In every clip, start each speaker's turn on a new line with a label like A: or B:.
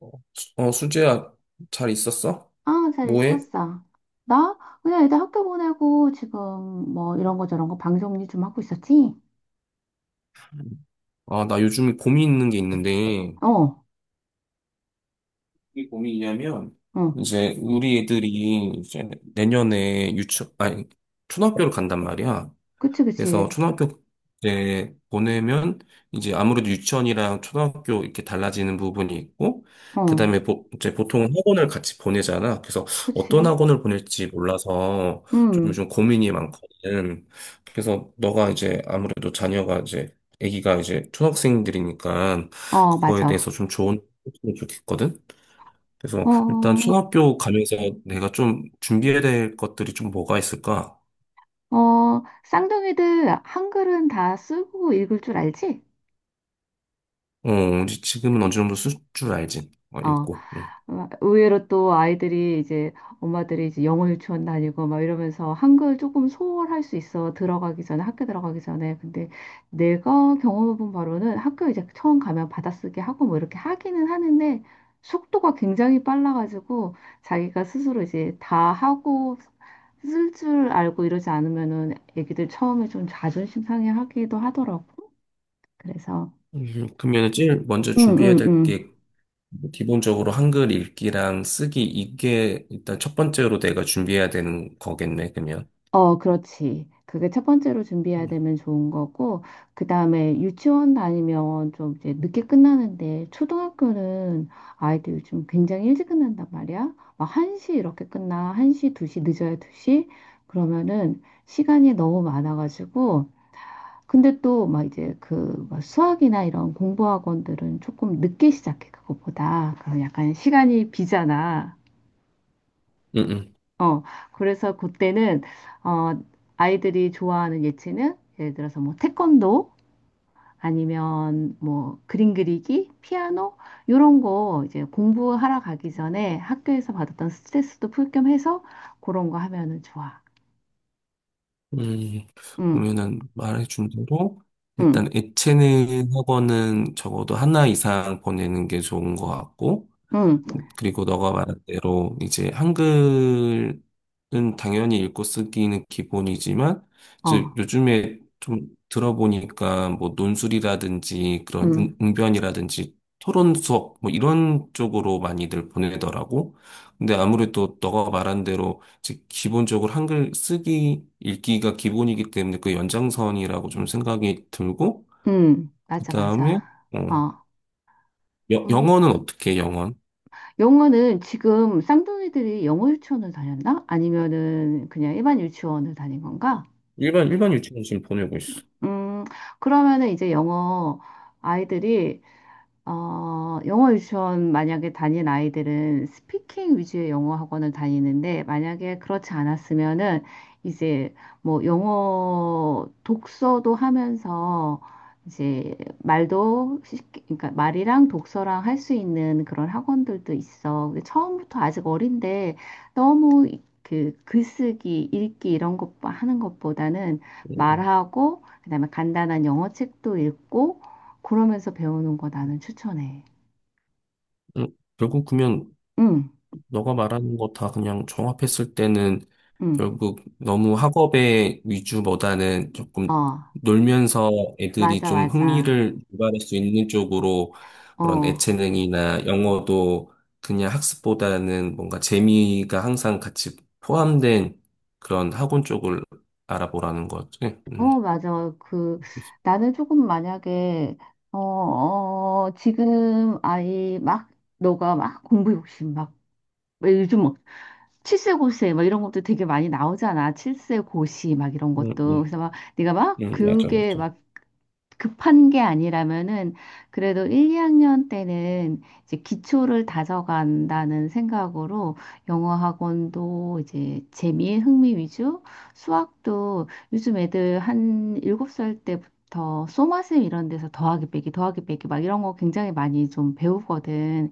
A: 어, 수재야, 잘 있었어?
B: 아, 잘
A: 뭐해?
B: 있었어. 나? 그냥 애들 학교 보내고 지금 뭐 이런 거 저런 거 방 정리 좀 하고 있었지?
A: 아, 나 요즘에 고민 있는 게 있는데,
B: 어,
A: 이게 고민이냐면,
B: 어,
A: 이제 우리 애들이 이제 내년에 유치, 아니, 초등학교를 간단 말이야.
B: 그치,
A: 그래서
B: 그치.
A: 초등학교 때 보내면 이제 아무래도 유치원이랑 초등학교 이렇게 달라지는 부분이 있고,
B: 어,
A: 그다음에 이제 보통 학원을 같이 보내잖아. 그래서 어떤
B: 그치.
A: 학원을 보낼지 몰라서 좀
B: 음.
A: 요즘 고민이 많거든. 그래서 너가 이제 아무래도 자녀가 이제 아기가 이제 초등학생들이니까
B: 어,
A: 그거에
B: 맞아.
A: 대해서 좀 좋은 팁을 좋겠거든. 그래서 일단
B: 어,
A: 초등학교 가면서 내가 좀 준비해야 될 것들이 좀 뭐가 있을까?
B: 어, 쌍둥이들 한글은 다 쓰고 읽을 줄 알지?
A: 어, 이제 지금은 어느 정도 쓸 줄 알지. 어,
B: 어,
A: 읽고. 응.
B: 어, 의외로 또 아이들이 이제 엄마들이 이제 영어 유치원 다니고 막 이러면서 한글 조금 소홀할 수 있어, 들어가기 전에, 학교 들어가기 전에. 근데 내가 경험해본 바로는 학교 이제 처음 가면 받아쓰기 하고 뭐 이렇게 하기는 하는데, 속도가 굉장히 빨라가지고 자기가 스스로 이제 다 하고 쓸 줄 알고 이러지 않으면은 애기들 처음에 좀 자존심 상해하기도 하더라고. 그래서
A: 그러면 제일 먼저 준비해야
B: 응응응,
A: 될 게 기본적으로 한글 읽기랑 쓰기 이게 일단 첫 번째로 내가 준비해야 되는 거겠네. 그러면.
B: 어, 그렇지. 그게 첫 번째로 준비해야
A: 음,
B: 되면 좋은 거고, 그 다음에 유치원 다니면 좀 이제 늦게 끝나는데, 초등학교는 아이들 요즘 굉장히 일찍 끝난단 말이야. 막 1시 이렇게 끝나. 1시, 2시, 늦어야 2시. 그러면은 시간이 너무 많아가지고, 근데 또 막 이제 그막 수학이나 이런 공부 학원들은 조금 늦게 시작해, 그것보다. 그럼 약간 시간이 비잖아.
A: 음, 음.
B: 어, 그래서 그때는, 어, 아이들이 좋아하는 예체능, 예를 들어서 뭐 태권도, 아니면 뭐 그림 그리기, 피아노, 요런 거 이제 공부하러 가기 전에 학교에서 받았던 스트레스도 풀겸 해서 그런 거 하면은 좋아.
A: 음,
B: 응,
A: 그러면은 말해준 대로
B: 응,
A: 일단 예체능 학원은 적어도 하나 이상 보내는 게 좋은 것 같고.
B: 응,
A: 그리고 너가 말한 대로 이제 한글은 당연히 읽고 쓰기는 기본이지만 이제
B: 어,
A: 요즘에 좀 들어보니까 뭐 논술이라든지 그런
B: 응,
A: 웅변이라든지 토론 수업 뭐 이런 쪽으로 많이들 보내더라고. 근데 아무래도 너가 말한 대로 이제 기본적으로 한글 쓰기 읽기가 기본이기 때문에 그 연장선이라고 좀 생각이 들고
B: 응, 맞아,
A: 그다음에
B: 맞아.
A: 어,
B: 어, 음.
A: 영어는 어떻게 해, 영어?
B: 영어는 지금 쌍둥이들이 영어 유치원을 다녔나? 아니면은 그냥 일반 유치원을 다닌 건가?
A: 일반 유치원 지금 보내고 있어.
B: 음, 그러면은 이제 영어 아이들이 어, 영어 유치원 만약에 다닌 아이들은 스피킹 위주의 영어 학원을 다니는데, 만약에 그렇지 않았으면은 이제 뭐 영어 독서도 하면서 이제 말도 쉽게, 그러니까 말이랑 독서랑 할 수 있는 그런 학원들도 있어. 근데 처음부터 아직 어린데 너무 그 글쓰기, 읽기 이런 것 하는 것보다는
A: 음,
B: 말하고 그다음에 간단한 영어 책도 읽고 그러면서 배우는 거 나는 추천해.
A: 음, 결국 그러면
B: 응,
A: 너가 말하는 거 다 그냥 종합했을 때는
B: 응,
A: 결국 너무 학업의 위주보다는
B: 어,
A: 조금 놀면서 애들이
B: 맞아,
A: 좀
B: 맞아.
A: 흥미를 유발할 수 있는 쪽으로 그런
B: 어,
A: 애체능이나 영어도 그냥 학습보다는 뭔가 재미가 항상 같이 포함된 그런 학원 쪽을 알아보라는 거지. 음,
B: 어, 맞아. 그, 나는 조금 만약에, 어, 어, 지금 아이 막, 너가 막 공부 욕심 막, 왜 요즘 뭐, 칠세고세 막 이런 것도 되게 많이 나오잖아. 칠세고시 막 이런
A: 음,
B: 것도.
A: 음,
B: 그래서 막, 네가 막,
A: 맞아,
B: 그게
A: 맞아.
B: 막 급한 게 아니라면은 그래도 1, 2학년 때는 이제 기초를 다져간다는 생각으로 영어 학원도 이제 재미, 흥미 위주, 수학도 요즘 애들 한 7살 때부터 소마셈 이런 데서 더하기 빼기, 더하기 빼기 막 이런 거 굉장히 많이 좀 배우거든.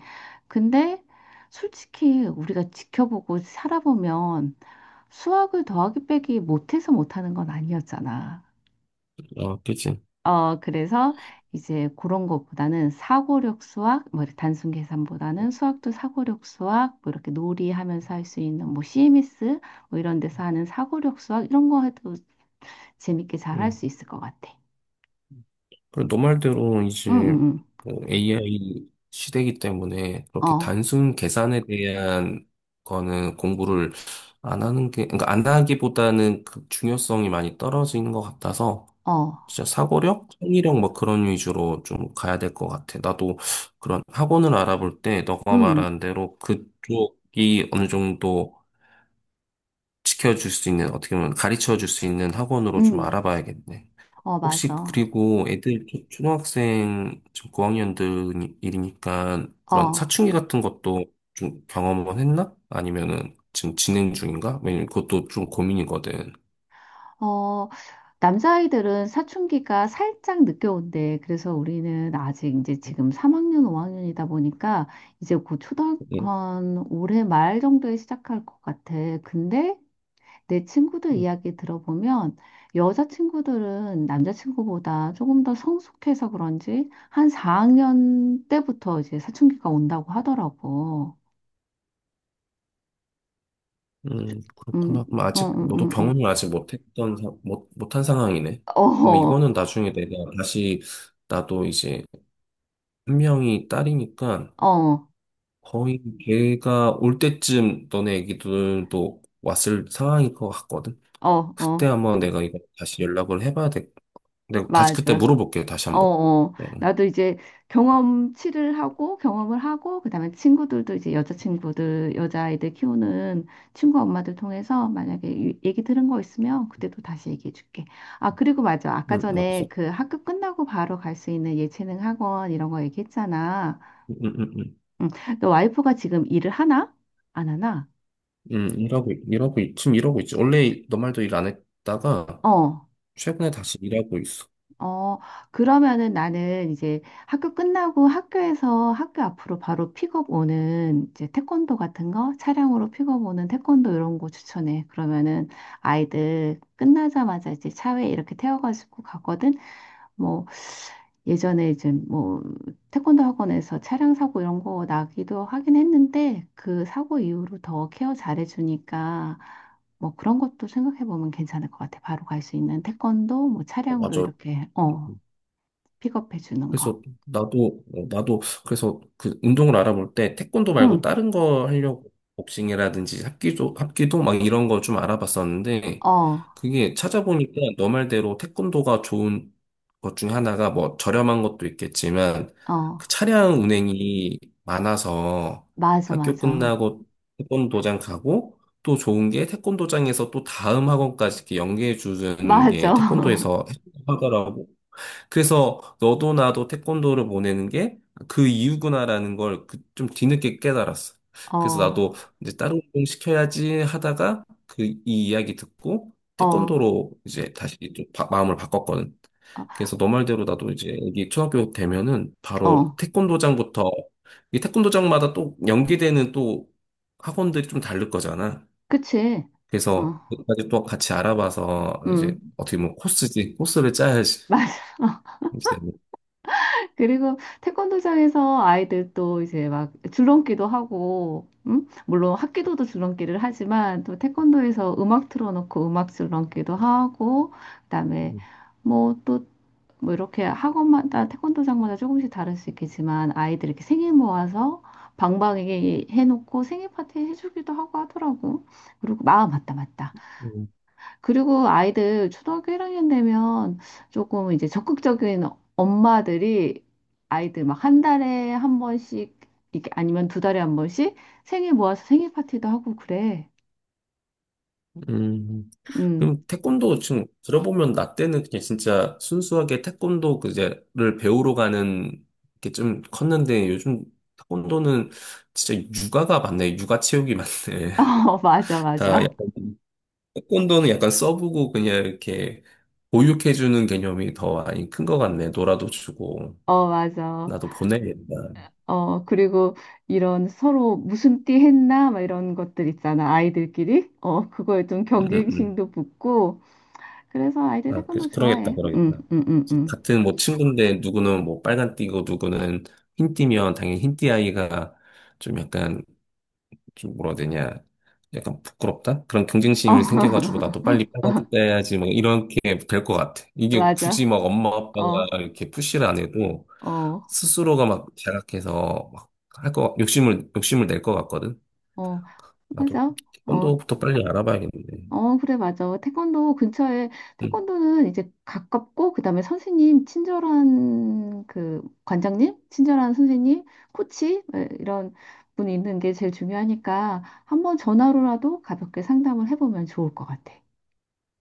B: 근데 솔직히 우리가 지켜보고 살아보면 수학을 더하기 빼기 못해서 못하는 건 아니었잖아.
A: 어, 그치.
B: 어, 그래서 이제 그런 것보다는 사고력 수학, 뭐 이렇게 단순 계산보다는 수학도 사고력 수학, 뭐 이렇게 놀이하면서 할 수 있는 뭐 CMS 뭐 이런 데서 하는 사고력 수학 이런 거 해도 재밌게 잘 할
A: 음.
B: 수 있을 것 같아.
A: 그리고 너 말대로
B: 응,
A: 이제
B: 응,
A: 뭐 AI 시대이기 때문에
B: 응.
A: 그렇게
B: 어,
A: 단순 계산에 대한 거는 공부를 안 하는 게, 그러니까 안 하기보다는 그 중요성이 많이 떨어지는 것 같아서
B: 어,
A: 진짜 사고력, 창의력 뭐 그런 위주로 좀 가야 될 것 같아. 나도 그런 학원을 알아볼 때 너가
B: 음,
A: 말한 대로 그쪽이 어느 정도 지켜줄 수 있는, 어떻게 보면 가르쳐 줄 수 있는 학원으로 좀
B: 음,
A: 알아봐야겠네.
B: 어,
A: 혹시
B: 맞아.
A: 그리고 애들 초등학생 지금 고학년들이니까 그런
B: 어,
A: 사춘기 같은 것도 좀 경험은 했나? 아니면은 지금 진행 중인가? 왜냐면 그것도 좀 고민이거든.
B: 어, 남자아이들은 사춘기가 살짝 늦게 온대. 그래서 우리는 아직 이제 지금 3학년, 5학년이다 보니까 이제 곧 초등학교
A: 음,
B: 한 올해 말 정도에 시작할 것 같아. 근데 내 친구들
A: 음,
B: 이야기 들어보면 여자친구들은 남자친구보다 조금 더 성숙해서 그런지 한 4학년 때부터 이제 사춘기가 온다고 하더라고. 음,
A: 그렇구나. 그럼 아직 너도
B: 음.
A: 경험을 아직 못했던 못 못한 상황이네. 그럼
B: 어,
A: 이거는 나중에 내가 다시 나도 이제 한 명이 딸이니까
B: 어,
A: 거의 걔가 올 때쯤 너네 애기들도 왔을 상황일 것 같거든.
B: 어,
A: 그때
B: 어,
A: 한번 내가 이거 다시 연락을 해봐야 돼. 내가 다시 그때
B: 맞아.
A: 물어볼게요. 다시
B: 어,
A: 한번.
B: 어.
A: 응,
B: 나도 이제 경험치를 하고 경험을 하고 그다음에 친구들도 이제 여자친구들, 여자아이들 키우는 친구 엄마들 통해서 만약에 얘기 들은 거 있으면 그때도 다시 얘기해 줄게. 아, 그리고 맞아. 아까
A: 응, 알았어.
B: 전에 그 학교 끝나고 바로 갈 수 있는 예체능 학원 이런 거 얘기했잖아.
A: 응, 응, 응, 응.
B: 응. 너 와이프가 지금 일을 하나? 안 하나?
A: 응, 지금 일하고 있지. 원래 너 말도 일 안 했다가
B: 어.
A: 최근에 다시 일하고 있어.
B: 어, 그러면은 나는 이제 학교 끝나고 학교에서 학교 앞으로 바로 픽업 오는 이제 태권도 같은 거, 차량으로 픽업 오는 태권도 이런 거 추천해. 그러면은 아이들 끝나자마자 이제 차에 이렇게 태워가지고 가거든. 뭐 예전에 이제 뭐 태권도 학원에서 차량 사고 이런 거 나기도 하긴 했는데 그 사고 이후로 더 케어 잘해주니까 뭐 그런 것도 생각해 보면 괜찮을 것 같아. 바로 갈 수 있는 태권도, 뭐
A: 어,
B: 차량으로
A: 맞아.
B: 이렇게, 어, 픽업해 주는 거.
A: 그래서 나도 어, 나도 그래서 그 운동을 알아볼 때 태권도
B: 응.
A: 말고 다른 거 하려고 복싱이라든지 합기도 막 이런 거 좀 알아봤었는데
B: 어,
A: 그게 찾아보니까 너 말대로 태권도가 좋은 것 중에 하나가 뭐 저렴한 것도 있겠지만 그
B: 어.
A: 차량 운행이 많아서
B: 맞아,
A: 학교
B: 맞아.
A: 끝나고 태권도장 가고 또 좋은 게 태권도장에서 또 다음 학원까지 이렇게 연계해 주는
B: 맞아.
A: 게 태권도에서 하더라고. 그래서 너도 나도 태권도를 보내는 게 그 이유구나라는 걸 그 좀 뒤늦게 깨달았어. 그래서
B: 어,
A: 나도 이제 다른 운동 시켜야지 하다가 그 이 이야기 듣고
B: 어, 어.
A: 태권도로 이제 다시 좀 마음을 바꿨거든. 그래서 너 말대로 나도 이제 여기 초등학교 되면은 바로
B: 어.
A: 태권도장부터 이 태권도장마다 또 연계되는 또 학원들이 좀 다를 거잖아.
B: 그치. 어.
A: 그래서 그까지 또 같이 알아봐서 이제
B: 응.
A: 어떻게 보면 코스지 코스를 짜야지.
B: 맞아.
A: 이제 내면.
B: 그리고 태권도장에서 아이들 또 이제 막 줄넘기도 하고, 음? 물론 학기도도 줄넘기를 하지만 또 태권도에서 음악 틀어놓고 음악 줄넘기도 하고, 그다음에 뭐또 뭐 이렇게 학원마다 태권도장마다 조금씩 다를 수 있겠지만 아이들 이렇게 생일 모아서 방방이게 해놓고 생일 파티 해주기도 하고 하더라고. 그리고 마음 맞다 맞다. 그리고 아이들 초등학교 1학년 되면 조금 이제 적극적인 엄마들이 아이들 막 한 달에 한 번씩, 이렇게 아니면 두 달에 한 번씩 생일 모아서 생일 파티도 하고 그래.
A: 음,
B: 음.
A: 그럼 태권도 지금 들어보면 나 때는 그냥 진짜 순수하게 태권도 그제를 배우러 가는 게 좀 컸는데 요즘 태권도는 진짜 육아가 많네. 육아 체육이 많네.
B: 어, 맞아,
A: 다
B: 맞아.
A: 약간, 태권도는 약간 써보고 그냥 이렇게 보육해주는 개념이 더 많이 큰 것 같네. 놀아도 주고,
B: 어, 맞아.
A: 나도 보내겠다
B: 어, 그리고 이런 서로 무슨 띠 했나, 막 이런 것들 있잖아, 아이들끼리. 어, 그거에 좀
A: 음, 음.
B: 경쟁심도 붙고. 그래서 아이들
A: 아,
B: 태권도 좋아해. 응,
A: 그러겠다.
B: 응, 응, 응.
A: 같은 뭐 친구인데 누구는 뭐 빨간 띠고 누구는 흰 띠면 당연히 흰띠 아이가 좀 약간 좀 뭐라 해야 되냐. 약간 부끄럽다? 그런
B: 어,
A: 경쟁심이 생겨가지고 나도 빨리 빨간 띠 따야지 뭐 이렇게 될 것 같아. 이게 굳이
B: 맞아.
A: 막 엄마 아빠가
B: 어,
A: 이렇게 푸시를 안 해도
B: 어,
A: 스스로가 막 자각해서 막 할 거, 욕심을 낼 것 같거든.
B: 어,
A: 나도
B: 맞아. 어,
A: 언도부터 빨리 알아봐야겠는데.
B: 어, 그래, 맞아. 태권도 근처에,
A: 응.
B: 태권도는 이제 가깝고, 그 다음에 선생님, 친절한 그 관장님, 친절한 선생님, 코치, 에, 이런 분이 있는 게 제일 중요하니까 한번 전화로라도 가볍게 상담을 해보면 좋을 것 같아.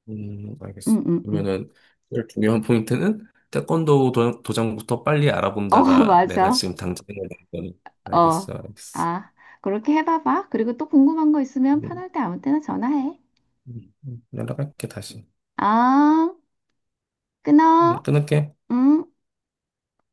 B: 응,
A: 알겠어.
B: 응, 응.
A: 그러면은 제일 중요한 포인트는 태권도 도장부터 빨리
B: 어,
A: 알아본다가 내가
B: 맞아.
A: 지금 당장 해야 되는 거니.
B: 어,
A: 알겠어, 알겠어.
B: 아, 그렇게 해봐봐. 그리고 또 궁금한 거 있으면
A: 음,
B: 편할 때 아무 때나 전화해.
A: 연락할게 다시.
B: 아, 끊어.
A: 끊을게.
B: 응.